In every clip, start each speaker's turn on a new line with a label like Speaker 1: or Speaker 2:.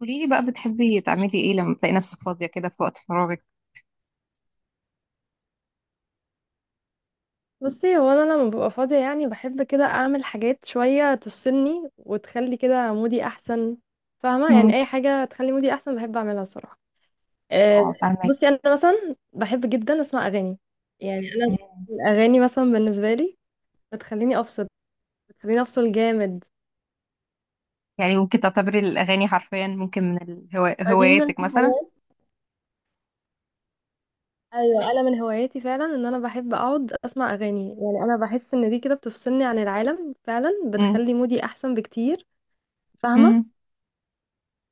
Speaker 1: قولي لي بقى بتحبي تعملي ايه لما تلاقي نفسك فاضية كده في وقت فراغك؟
Speaker 2: بصي، هو انا لما ببقى فاضيه، يعني بحب كده اعمل حاجات شويه تفصلني وتخلي كده مودي احسن. فاهمه؟
Speaker 1: امم.
Speaker 2: يعني اي حاجه تخلي مودي احسن بحب اعملها الصراحه.
Speaker 1: اه،
Speaker 2: آه،
Speaker 1: فاهمك.
Speaker 2: بصي انا مثلا بحب جدا اسمع اغاني. يعني
Speaker 1: مم.
Speaker 2: الاغاني مثلا بالنسبه لي بتخليني افصل، بتخليني افصل جامد.
Speaker 1: يعني ممكن تعتبري الأغاني حرفيا، ممكن من
Speaker 2: فدي من
Speaker 1: هواياتك مثلا.
Speaker 2: الحاجات. ايوه، انا من هواياتي فعلا ان انا بحب اقعد اسمع اغاني. يعني انا بحس ان دي كده بتفصلني عن العالم فعلا،
Speaker 1: امم.
Speaker 2: بتخلي مودي احسن بكتير. فاهمه؟
Speaker 1: امم.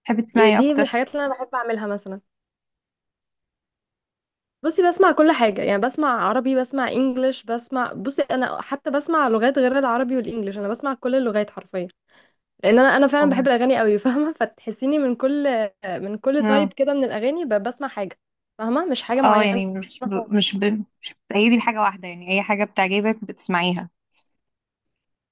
Speaker 1: تحبي
Speaker 2: يعني
Speaker 1: تسمعي
Speaker 2: دي من
Speaker 1: اكتر؟
Speaker 2: الحاجات اللي انا بحب اعملها مثلا. بصي، بسمع كل حاجة. يعني بسمع عربي، بسمع انجليش، بصي انا حتى بسمع لغات غير العربي والانجليش. انا بسمع كل اللغات حرفيا، لان انا فعلا بحب
Speaker 1: أوه.
Speaker 2: الاغاني قوي. فاهمة؟ فتحسيني من كل
Speaker 1: اه،
Speaker 2: تايب كده من الاغاني، بسمع حاجة. فاهمة؟ مش حاجة
Speaker 1: اه،
Speaker 2: معينة
Speaker 1: يعني
Speaker 2: خالص.
Speaker 1: مش بتأيدي بحاجة واحدة، يعني أي حاجة بتعجبك بتسمعيها.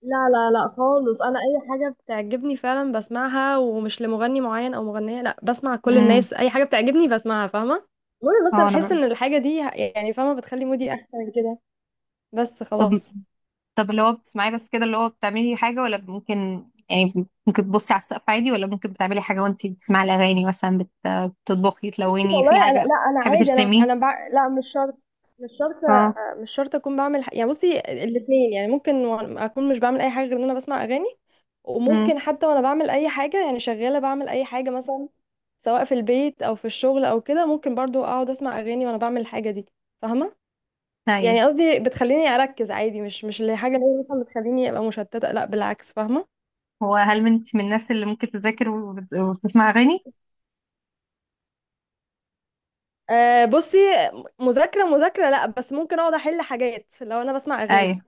Speaker 2: لا لا لا خالص، انا اي حاجة بتعجبني فعلا بسمعها، ومش لمغني معين او مغنية، لا، بسمع كل
Speaker 1: امم.
Speaker 2: الناس. اي حاجة بتعجبني بسمعها. فاهمة؟ المهم بس انا
Speaker 1: اه، أنا
Speaker 2: احس
Speaker 1: ب...
Speaker 2: ان الحاجة دي، يعني فاهمة، بتخلي مودي احسن كده. بس
Speaker 1: طب
Speaker 2: خلاص.
Speaker 1: طب اللي هو بتسمعيه بس كده، اللي هو بتعملي حاجة ولا ممكن؟ يعني ممكن تبصي على السقف عادي، ولا ممكن بتعملي حاجة وانتي بتسمعي الأغاني، مثلا بتطبخي، تلوني في
Speaker 2: والله أنا،
Speaker 1: حاجة،
Speaker 2: لا، أنا
Speaker 1: بتحبي
Speaker 2: عادي،
Speaker 1: ترسمي.
Speaker 2: لا، مش شرط. مش شرط،
Speaker 1: اه.
Speaker 2: مش شرط أكون بعمل يعني بصي، الاتنين. يعني ممكن أكون مش بعمل أي حاجة غير إن أنا بسمع أغاني،
Speaker 1: امم.
Speaker 2: وممكن حتى وأنا بعمل أي حاجة، يعني شغالة بعمل أي حاجة مثلا، سواء في البيت أو في الشغل أو كده، ممكن برضو أقعد أسمع أغاني وأنا بعمل الحاجة دي. فاهمة؟
Speaker 1: ايوه.
Speaker 2: يعني قصدي بتخليني أركز عادي، مش اللي حاجة اللي هي مثلا بتخليني أبقى مشتتة، لا بالعكس. فاهمة؟
Speaker 1: هو هل انت من الناس اللي ممكن تذاكر وبتسمع أغاني؟
Speaker 2: أه، بصي، مذاكرة مذاكرة لا، بس ممكن أقعد أحل حاجات لو أنا بسمع أغاني.
Speaker 1: ايوه.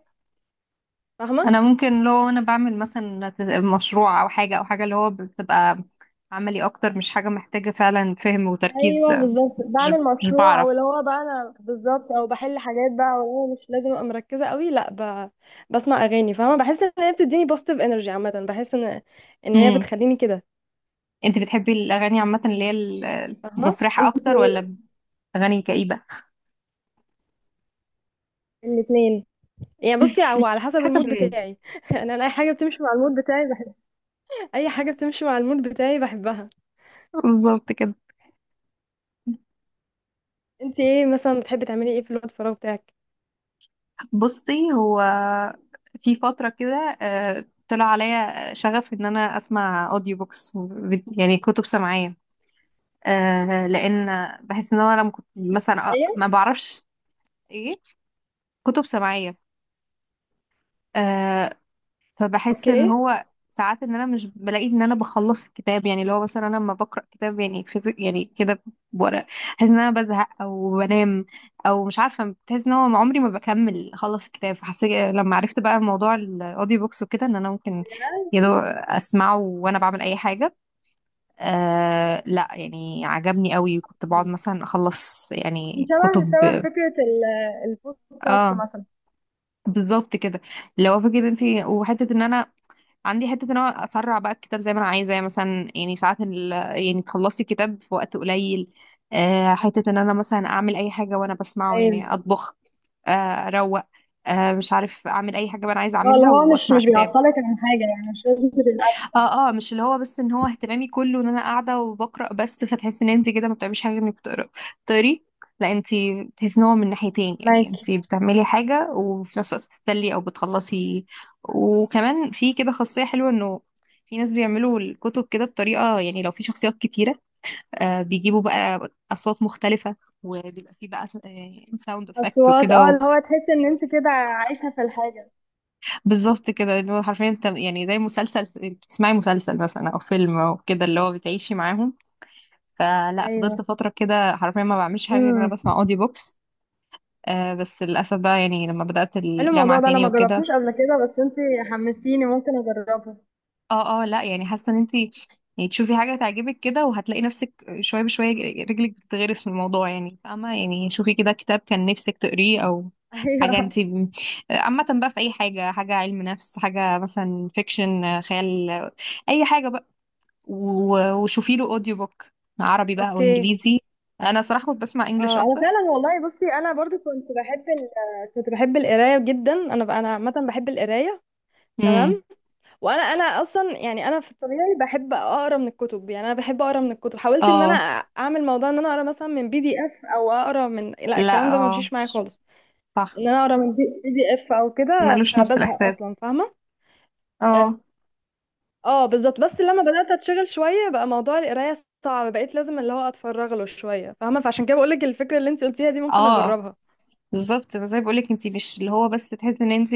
Speaker 2: فاهمة؟
Speaker 1: انا ممكن لو انا بعمل مثلا مشروع او حاجة او حاجة اللي هو بتبقى عملي اكتر، مش حاجة محتاجة فعلا فهم وتركيز.
Speaker 2: ايوه بالظبط،
Speaker 1: مش
Speaker 2: بعمل
Speaker 1: مش
Speaker 2: مشروع او
Speaker 1: بعرف.
Speaker 2: اللي هو بقى انا بالظبط او بحل حاجات بقى، والله مش لازم ابقى مركزه قوي، لا، بسمع اغاني. فاهمه؟ بحس ان هي بتديني بوزيتيف انرجي عامه. بحس ان هي
Speaker 1: امم.
Speaker 2: بتخليني كده.
Speaker 1: انت بتحبي الأغاني عامة، اللي هي
Speaker 2: فاهمه؟
Speaker 1: المفرحة
Speaker 2: انت،
Speaker 1: اكتر، ولا أغاني كئيبة؟
Speaker 2: الاثنين. يعني بصي، هو على حسب
Speaker 1: حسب
Speaker 2: المود
Speaker 1: المود.
Speaker 2: بتاعي. يعني انا اي حاجه بتمشي مع المود بتاعي بحبها، اي حاجه بتمشي مع المود بتاعي بحبها.
Speaker 1: بالظبط كده.
Speaker 2: انت ايه مثلا، بتحبي تعملي ايه في الوقت الفراغ بتاعك؟
Speaker 1: بصي، هو في فترة كده طلع عليا شغف إن أنا أسمع أوديو بوكس، يعني كتب سمعية. لأن بحس إن أنا لما كنت مثلا،
Speaker 2: ايه؟
Speaker 1: ما بعرفش إيه كتب سمعية. فبحس ان
Speaker 2: اوكي.
Speaker 1: هو ساعات ان انا مش بلاقي ان انا بخلص الكتاب، يعني اللي هو مثلا انا لما بقرا كتاب يعني فيزيك يعني كده بورق، بحس ان انا بزهق او بنام، او مش عارفه، بحس ان هو عمري ما بكمل اخلص الكتاب. فحسيت لما عرفت بقى موضوع الاوديو بوكس وكده، ان انا ممكن يا دوب اسمعه وانا بعمل اي حاجه. آه، لا، يعني عجبني قوي، كنت بقعد مثلا اخلص
Speaker 2: دي
Speaker 1: يعني
Speaker 2: شبه
Speaker 1: كتب.
Speaker 2: شبه فكرة البودكاست
Speaker 1: اه،
Speaker 2: مثلا.
Speaker 1: بالظبط كده، لو فكرة، انت وحته ان انا عندي حته ان انا اسرع بقى الكتاب زي ما انا عايزه، يعني مثلا، يعني ساعات يعني تخلصي الكتاب في وقت قليل. حته ان انا مثلا اعمل اي حاجه وانا بسمعه،
Speaker 2: ايوه،
Speaker 1: يعني اطبخ، اروق، مش عارف، اعمل اي حاجه بقى انا عايزه
Speaker 2: اه، اللي
Speaker 1: اعملها
Speaker 2: هو مش
Speaker 1: واسمع
Speaker 2: مش
Speaker 1: كتاب.
Speaker 2: بيعطلك عن حاجة، يعني مش لازم تبقى الأكل
Speaker 1: اه، اه، مش اللي هو بس ان هو اهتمامي كله ان انا قاعده وبقرا بس، فتحس ان انت كده ما بتعمليش حاجه انك بتقرا بتقري، لا انت بتحس ان هو من ناحيتين، يعني
Speaker 2: معاكي.
Speaker 1: انت بتعملي حاجه وفي نفس الوقت بتستلي او بتخلصي. وكمان في كده خاصيه حلوه، انه في ناس بيعملوا الكتب كده بطريقه، يعني لو في شخصيات كتيره، بيجيبوا بقى اصوات مختلفه، وبيبقى في بقى ساوند افكتس
Speaker 2: أصوات، اه،
Speaker 1: وكده.
Speaker 2: اللي هو تحس إن أنت كده عايشة في الحاجة.
Speaker 1: بالظبط كده، اللي هو حرفيا انت يعني زي مسلسل، بتسمعي مسلسل مثلا او فيلم او كده، اللي هو بتعيشي معاهم. فلا، فضلت
Speaker 2: أيوه.
Speaker 1: فترة كده حرفيا ما بعملش حاجة غير إن انا
Speaker 2: امم
Speaker 1: بسمع اوديو بوكس. بس للأسف بقى، يعني لما بدأت
Speaker 2: حلو الموضوع
Speaker 1: الجامعة
Speaker 2: ده، أنا
Speaker 1: تاني
Speaker 2: ما
Speaker 1: وكده.
Speaker 2: جربتوش قبل كده، بس أنت حمستيني، ممكن أجربه.
Speaker 1: اه، اه، لا، يعني حاسة ان انتي يعني تشوفي حاجة تعجبك كده، وهتلاقي نفسك شوية بشوية رجلك بتتغرس في الموضوع، يعني فاهمة، يعني شوفي كده كتاب كان نفسك تقريه او حاجة
Speaker 2: أيوه.
Speaker 1: انتي ب-، عامة بقى في اي حاجة، حاجة علم نفس، حاجة مثلا فيكشن خيال، اي حاجة بقى، وشوفي له اوديو بوك، عربي بقى او
Speaker 2: أوكي.
Speaker 1: انجليزي. انا صراحة كنت بسمع انجليش
Speaker 2: اه، انا
Speaker 1: اكتر.
Speaker 2: فعلا والله، بصي انا برضو كنت بحب القرايه جدا. انا عامه بحب القرايه.
Speaker 1: امم.
Speaker 2: تمام. وانا انا اصلا يعني انا في الطبيعي بحب اقرا من الكتب. يعني انا بحب اقرا من الكتب. حاولت ان انا
Speaker 1: اه،
Speaker 2: اعمل موضوع ان انا اقرا مثلا من PDF او اقرا من، لا،
Speaker 1: لا.
Speaker 2: الكلام ده ما
Speaker 1: اه،
Speaker 2: مشيش معايا خالص.
Speaker 1: صح.
Speaker 2: ان انا اقرا من PDF او كده
Speaker 1: مالوش نفس
Speaker 2: بزهق
Speaker 1: الاحساس.
Speaker 2: اصلا. فاهمه؟ اه،
Speaker 1: اه،
Speaker 2: آه، بالظبط. بس لما بدات اتشغل شويه بقى موضوع القرايه صعب، بقيت لازم اللي هو اتفرغ له شويه. فاهمه؟ فعشان كده بقول لك الفكره اللي انت قلتيها دي ممكن
Speaker 1: اه،
Speaker 2: اجربها.
Speaker 1: بالظبط زي ما بقولك، انت مش اللي هو بس تحسي ان انت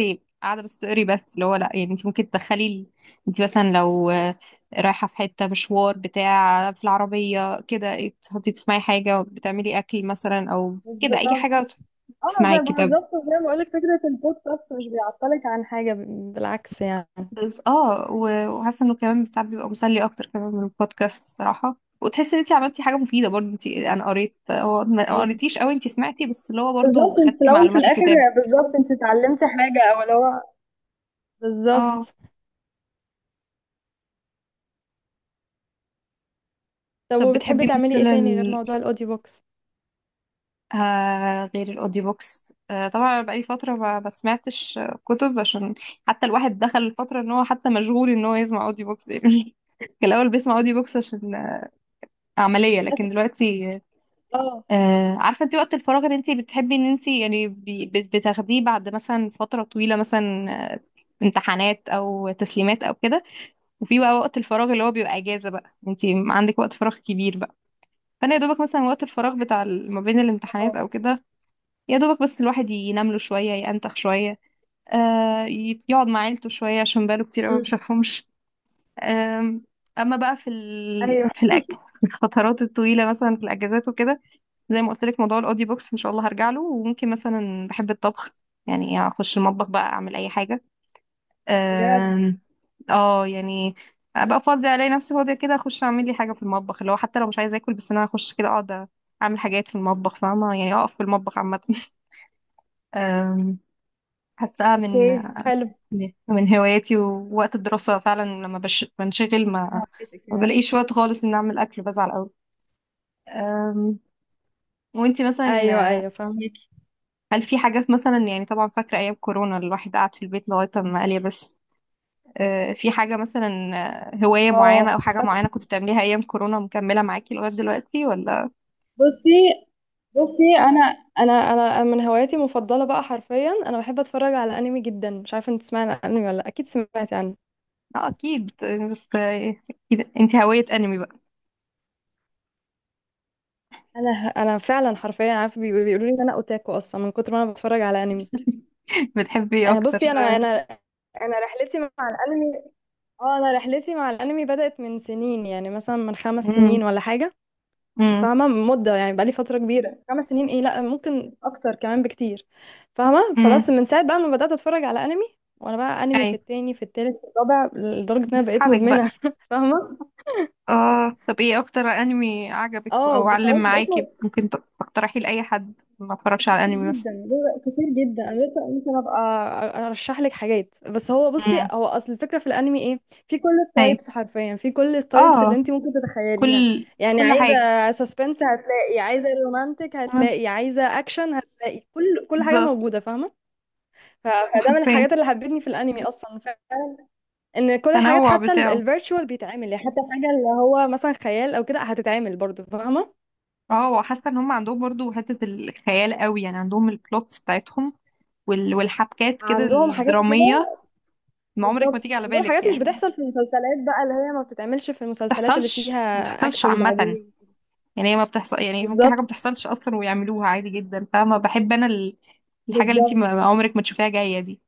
Speaker 1: قاعده بس تقري، بس اللي هو لا، يعني انت ممكن تدخلي انت مثلا لو رايحه في حته مشوار بتاع في العربيه كده، تحطي تسمعي حاجه، بتعملي اكل مثلا او كده اي
Speaker 2: بالظبط.
Speaker 1: حاجه
Speaker 2: اه،
Speaker 1: تسمعي
Speaker 2: زي
Speaker 1: كده.
Speaker 2: بالظبط زي ما بقول لك، فكره البودكاست مش بيعطلك عن حاجه، بالعكس يعني.
Speaker 1: بس اه، وحاسه انه كمان ساعات بيبقى مسلي اكتر كمان من البودكاست الصراحه، وتحسي ان انت عملتي حاجه مفيده برضه، انت انا قريت، هو ما
Speaker 2: أيوة.
Speaker 1: قريتيش قوي، انت سمعتي، بس اللي هو برضه
Speaker 2: بالضبط، أنتِ في
Speaker 1: خدتي
Speaker 2: الأول وفي
Speaker 1: معلومات
Speaker 2: الآخر
Speaker 1: الكتاب.
Speaker 2: بالضبط أنتِ اتعلمتِ حاجة، أو اللي هو
Speaker 1: اه،
Speaker 2: بالظبط. طب
Speaker 1: طب
Speaker 2: وبتحبي
Speaker 1: بتحبي
Speaker 2: تعملي ايه
Speaker 1: مثلا
Speaker 2: تاني غير موضوع الاوديو بوكس؟
Speaker 1: غير الاوديو بوكس؟ طبعا أنا بقالي فتره ما سمعتش كتب، عشان حتى الواحد دخل الفتره ان هو حتى مشغول ان هو يسمع اوديو بوكس يعني. كان الاول بيسمع اوديو بوكس عشان عمليه، لكن دلوقتي
Speaker 2: آه،
Speaker 1: عارفة انت وقت الفراغ اللي انت بتحبي ان انت يعني بتاخديه بعد مثلا فترة طويلة مثلا، آه، امتحانات او تسليمات او كده، وفي بقى وقت الفراغ اللي هو بيبقى اجازة بقى، انت عندك وقت فراغ كبير بقى. فانا يا دوبك مثلا وقت الفراغ بتاع ما بين الامتحانات
Speaker 2: آه،
Speaker 1: او كده، يا دوبك بس الواحد ينام له شوية، ينتخ شوية، يقعد مع عيلته شوية، عشان بقاله كتير قوي ما
Speaker 2: إمم،
Speaker 1: شافهمش. آم، اما بقى في
Speaker 2: أيوه
Speaker 1: في الاكل الفترات الطويلة مثلا في الاجازات وكده، زي ما قلت لك موضوع الاوديو بوكس ان شاء الله هرجع له، وممكن مثلا بحب الطبخ، يعني اخش المطبخ بقى اعمل اي حاجه.
Speaker 2: بجد.
Speaker 1: أم، اه، يعني ابقى فاضيه، الاقي نفسي فاضيه كده، اخش اعمل لي حاجه في المطبخ، اللي هو حتى لو مش عايزه اكل، بس انا اخش كده اقعد اعمل حاجات في المطبخ، فاهمه، يعني اقف في المطبخ عامه. أم، حاساها من
Speaker 2: أوكي حلو.
Speaker 1: من هواياتي. ووقت الدراسه فعلا لما بنشغل، ما
Speaker 2: فهمتِك
Speaker 1: ما
Speaker 2: يعني.
Speaker 1: بلاقيش وقت خالص ان اعمل اكل، بزعل قوي. أم، وانتي
Speaker 2: ايوه،
Speaker 1: مثلا
Speaker 2: ايوه، فهميكي.
Speaker 1: هل في حاجات مثلا، يعني طبعا فاكرة أيام كورونا الواحد قعد في البيت لغاية ما قال يا بس، في حاجة مثلا، هواية معينة
Speaker 2: اه
Speaker 1: أو حاجة
Speaker 2: فاكرة.
Speaker 1: معينة كنت بتعمليها أيام كورونا مكملة معاكي لغاية دلوقتي، ولا؟
Speaker 2: بُصّي، بُصّي. أنا انا انا من هواياتي المفضله بقى، حرفيا انا بحب اتفرج على انمي جدًا. مش عارفه انت تسمعي عن الانمي والّا لأ؟ اكيد سمعتي عنه.
Speaker 1: اه أكيد، يعني بس أكيد، أنت هواية أنمي بقى.
Speaker 2: انا فعلًا حرفيا عارفه، بيقولوا لي ان انا اوتاكو اصلا من كتر ما انا باتفرج على انمي.
Speaker 1: بتحبي إيه
Speaker 2: آه،
Speaker 1: أكتر؟
Speaker 2: بصي انا رحلتي مع الانمي. اه، انا رحلتي مع الانمي بدأت من سنين، يعني مثلا من خمس
Speaker 1: امم.
Speaker 2: سنين ولا حاجه.
Speaker 1: امم.
Speaker 2: فاهمه مده؟ يعني بقالي فتره كبيره، 5 سنين، ايه لا، ممكن اكتر كمان بكتير. فاهمه؟ فبس
Speaker 1: امم.
Speaker 2: من ساعه بقى ما بدأت اتفرج على انمي، وانا بقى انمي في
Speaker 1: أي.
Speaker 2: التاني، في التالت، في الرابع، لدرجه ان انا بقيت
Speaker 1: بأصحابك بقى.
Speaker 2: مدمنه. فاهمه؟
Speaker 1: اه، طب ايه أكتر أنمي عجبك أو
Speaker 2: اه
Speaker 1: علم
Speaker 2: خلاص بقيت.
Speaker 1: معاكي، ممكن تقترحي لأي حد ما اتفرجش
Speaker 2: كتير
Speaker 1: على أنمي مثلا؟
Speaker 2: جدا، كتير جدا. انا لسه ممكن ابقى ارشح لك حاجات، بس هو بصي،
Speaker 1: امم.
Speaker 2: هو اصل الفكره في الانمي ايه، في كل
Speaker 1: أي.
Speaker 2: التايبس حرفيا، في كل التايبس اللي
Speaker 1: اه،
Speaker 2: انت ممكن تتخيليها.
Speaker 1: كل
Speaker 2: يعني
Speaker 1: كل
Speaker 2: عايزه سسبنس هتلاقي، عايزه رومانتك
Speaker 1: حاجة.
Speaker 2: هتلاقي، عايزه اكشن هتلاقي، كل حاجه
Speaker 1: بالظبط.
Speaker 2: موجوده. فاهمه؟ فده من
Speaker 1: وحرفيا
Speaker 2: الحاجات اللي حبتني في الانمي اصلا، ان كل الحاجات
Speaker 1: التنوع
Speaker 2: حتى
Speaker 1: بتاعه.
Speaker 2: الفيرتشوال بيتعمل، يعني حتى الحاجه اللي هو مثلا خيال او كده هتتعمل برضه. فاهمه؟
Speaker 1: اه، وحاسه ان هم عندهم برضو حته الخيال قوي، يعني عندهم البلوتس بتاعتهم والحبكات كده
Speaker 2: عندهم حاجات كده.
Speaker 1: الدراميه، ما عمرك ما
Speaker 2: بالظبط،
Speaker 1: تيجي على
Speaker 2: عندهم
Speaker 1: بالك،
Speaker 2: حاجات مش
Speaker 1: يعني ما
Speaker 2: بتحصل في المسلسلات بقى، اللي هي ما بتتعملش في المسلسلات اللي فيها
Speaker 1: بتحصلش ما بتحصلش
Speaker 2: اكتورز
Speaker 1: عامه،
Speaker 2: عاديين.
Speaker 1: يعني هي ما بتحصل، يعني ممكن حاجه ما
Speaker 2: بالظبط،
Speaker 1: بتحصلش اصلا ويعملوها عادي جدا، فاهمه، بحب انا الحاجه اللي انت
Speaker 2: بالظبط.
Speaker 1: ما عمرك ما تشوفيها جايه دي.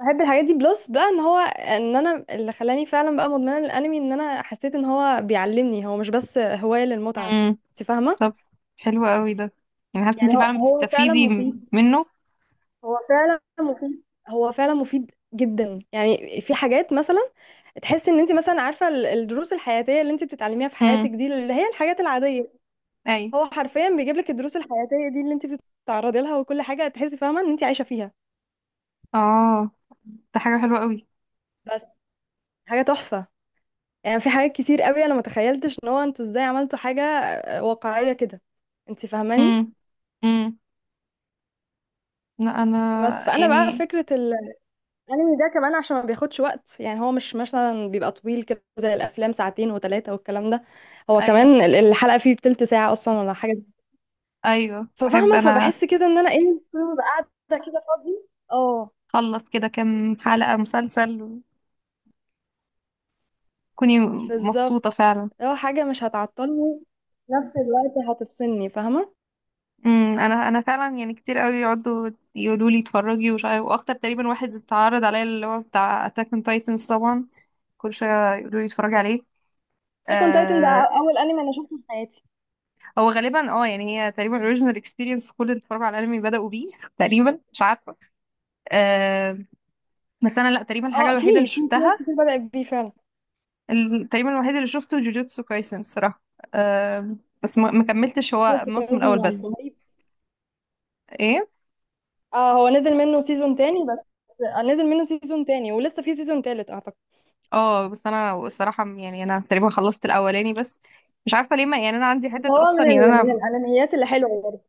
Speaker 2: بحب الحاجات دي، بلس بقى ان هو، ان انا اللي خلاني فعلا بقى مدمنه للانمي، ان انا حسيت ان هو بيعلمني، هو مش بس هوايه للمتعه.
Speaker 1: امم.
Speaker 2: انت فاهمه؟
Speaker 1: طب حلو قوي ده، يعني حاسه انت
Speaker 2: يعني هو
Speaker 1: فعلا
Speaker 2: هو فعلا
Speaker 1: بتستفيدي
Speaker 2: مفيد،
Speaker 1: منه.
Speaker 2: هو فعلا مفيد، هو فعلا مفيد جدا. يعني في حاجات مثلا، تحس ان انت مثلا عارفه الدروس الحياتيه اللي انت بتتعلميها في حياتك
Speaker 1: امم.
Speaker 2: دي، اللي هي الحاجات العاديه،
Speaker 1: اي.
Speaker 2: هو حرفيا بيجيب لك الدروس الحياتيه دي اللي انت بتتعرضي لها، وكل حاجه تحسي، فاهمه، ان انت عايشه فيها.
Speaker 1: اه، ده حاجه حلوه قوي.
Speaker 2: بس حاجه تحفه. يعني في حاجات كتير قوي انا ما تخيلتش ان هو انتوا ازاي عملتوا حاجه واقعيه كده. انت فاهماني؟
Speaker 1: امم. لا انا
Speaker 2: بس فانا بقى
Speaker 1: يعني.
Speaker 2: فكره الانمي ده كمان عشان ما بياخدش وقت. يعني هو مش مثلا بيبقى طويل كده زي الافلام، ساعتين وثلاثه والكلام ده. هو
Speaker 1: اي.
Speaker 2: كمان الحلقه فيه بتلت ساعه اصلا ولا حاجه.
Speaker 1: ايوه، بحب
Speaker 2: ففاهمه؟
Speaker 1: انا
Speaker 2: فبحس كده ان انا ايه، طول ما ببقى قاعده كده فاضيه، اه
Speaker 1: اخلص كده كام حلقة مسلسل وكوني
Speaker 2: بالظبط،
Speaker 1: مبسوطة فعلا.
Speaker 2: لو حاجة مش هتعطلني في نفس الوقت هتفصلني. فاهمة؟
Speaker 1: امم. انا فعلا يعني كتير قوي يقعدوا يقولوا لي اتفرجي ومش عارف، واكتر تقريبا واحد اتعرض عليا اللي هو بتاع اتاك اون تايتنز، طبعا كل شوية يقولوا لي اتفرجي عليه.
Speaker 2: تكون تايتن ده
Speaker 1: آه.
Speaker 2: أول أنمي أنا شفته في حياتي.
Speaker 1: هو غالبا اه، يعني هي تقريبا اوريجينال اكسبيرينس، كل اللي اتفرجوا على الانمي بدأوا بيه تقريبا، مش عارفة. آه، بس انا لا، تقريبا الحاجة
Speaker 2: اه، في
Speaker 1: الوحيدة اللي
Speaker 2: في في ناس
Speaker 1: شفتها
Speaker 2: كتير بدأت بيه فعلا.
Speaker 1: تقريبا الوحيد اللي شفته جوجوتسو كايسن الصراحة. بس ما كملتش، هو
Speaker 2: شفت كذا.
Speaker 1: الموسم الأول
Speaker 2: يعني
Speaker 1: بس.
Speaker 2: رهيب.
Speaker 1: ايه.
Speaker 2: اه، هو نزل منه سيزون تاني بس. آه، نزل منه سيزون تاني، ولسه في سيزون تالت أعتقد.
Speaker 1: اه، بس انا الصراحة يعني انا تقريبا خلصت الأولاني بس، مش عارفة ليه، ما يعني انا عندي
Speaker 2: بس
Speaker 1: حتة
Speaker 2: هو
Speaker 1: اصلا، يعني
Speaker 2: من
Speaker 1: انا.
Speaker 2: الأنميات اللي حلوة برضه.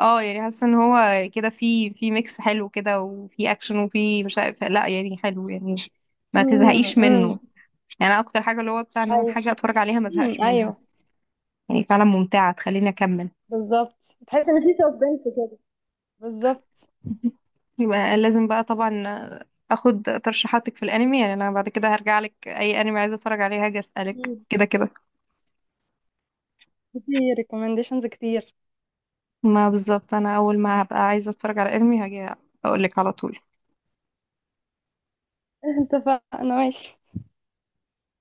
Speaker 1: اه، يعني حاسة ان هو كده في ميكس حلو كده، وفي اكشن، وفي مش عارف، لا يعني حلو، يعني ما
Speaker 2: امم،
Speaker 1: تزهقيش
Speaker 2: امم،
Speaker 1: منه، يعني أنا اكتر حاجة اللي هو بتاع ان انا
Speaker 2: ايوه،
Speaker 1: حاجة اتفرج عليها ما
Speaker 2: امم،
Speaker 1: ازهقش منها،
Speaker 2: ايوه،
Speaker 1: يعني فعلا ممتعة تخليني اكمل.
Speaker 2: بالظبط. تحس ان في سسبنس كده. بالظبط.
Speaker 1: يبقى لازم بقى طبعا اخد ترشيحاتك في الانمي، يعني انا بعد كده هرجع لك اي انمي عايزه اتفرج عليه هاجي اسالك
Speaker 2: مم.
Speaker 1: كده كده.
Speaker 2: في ريكومنديشنز كتير.
Speaker 1: ما بالظبط انا اول ما هبقى عايزه اتفرج على انمي هاجي اقول لك على طول.
Speaker 2: اتفقنا، ماشي.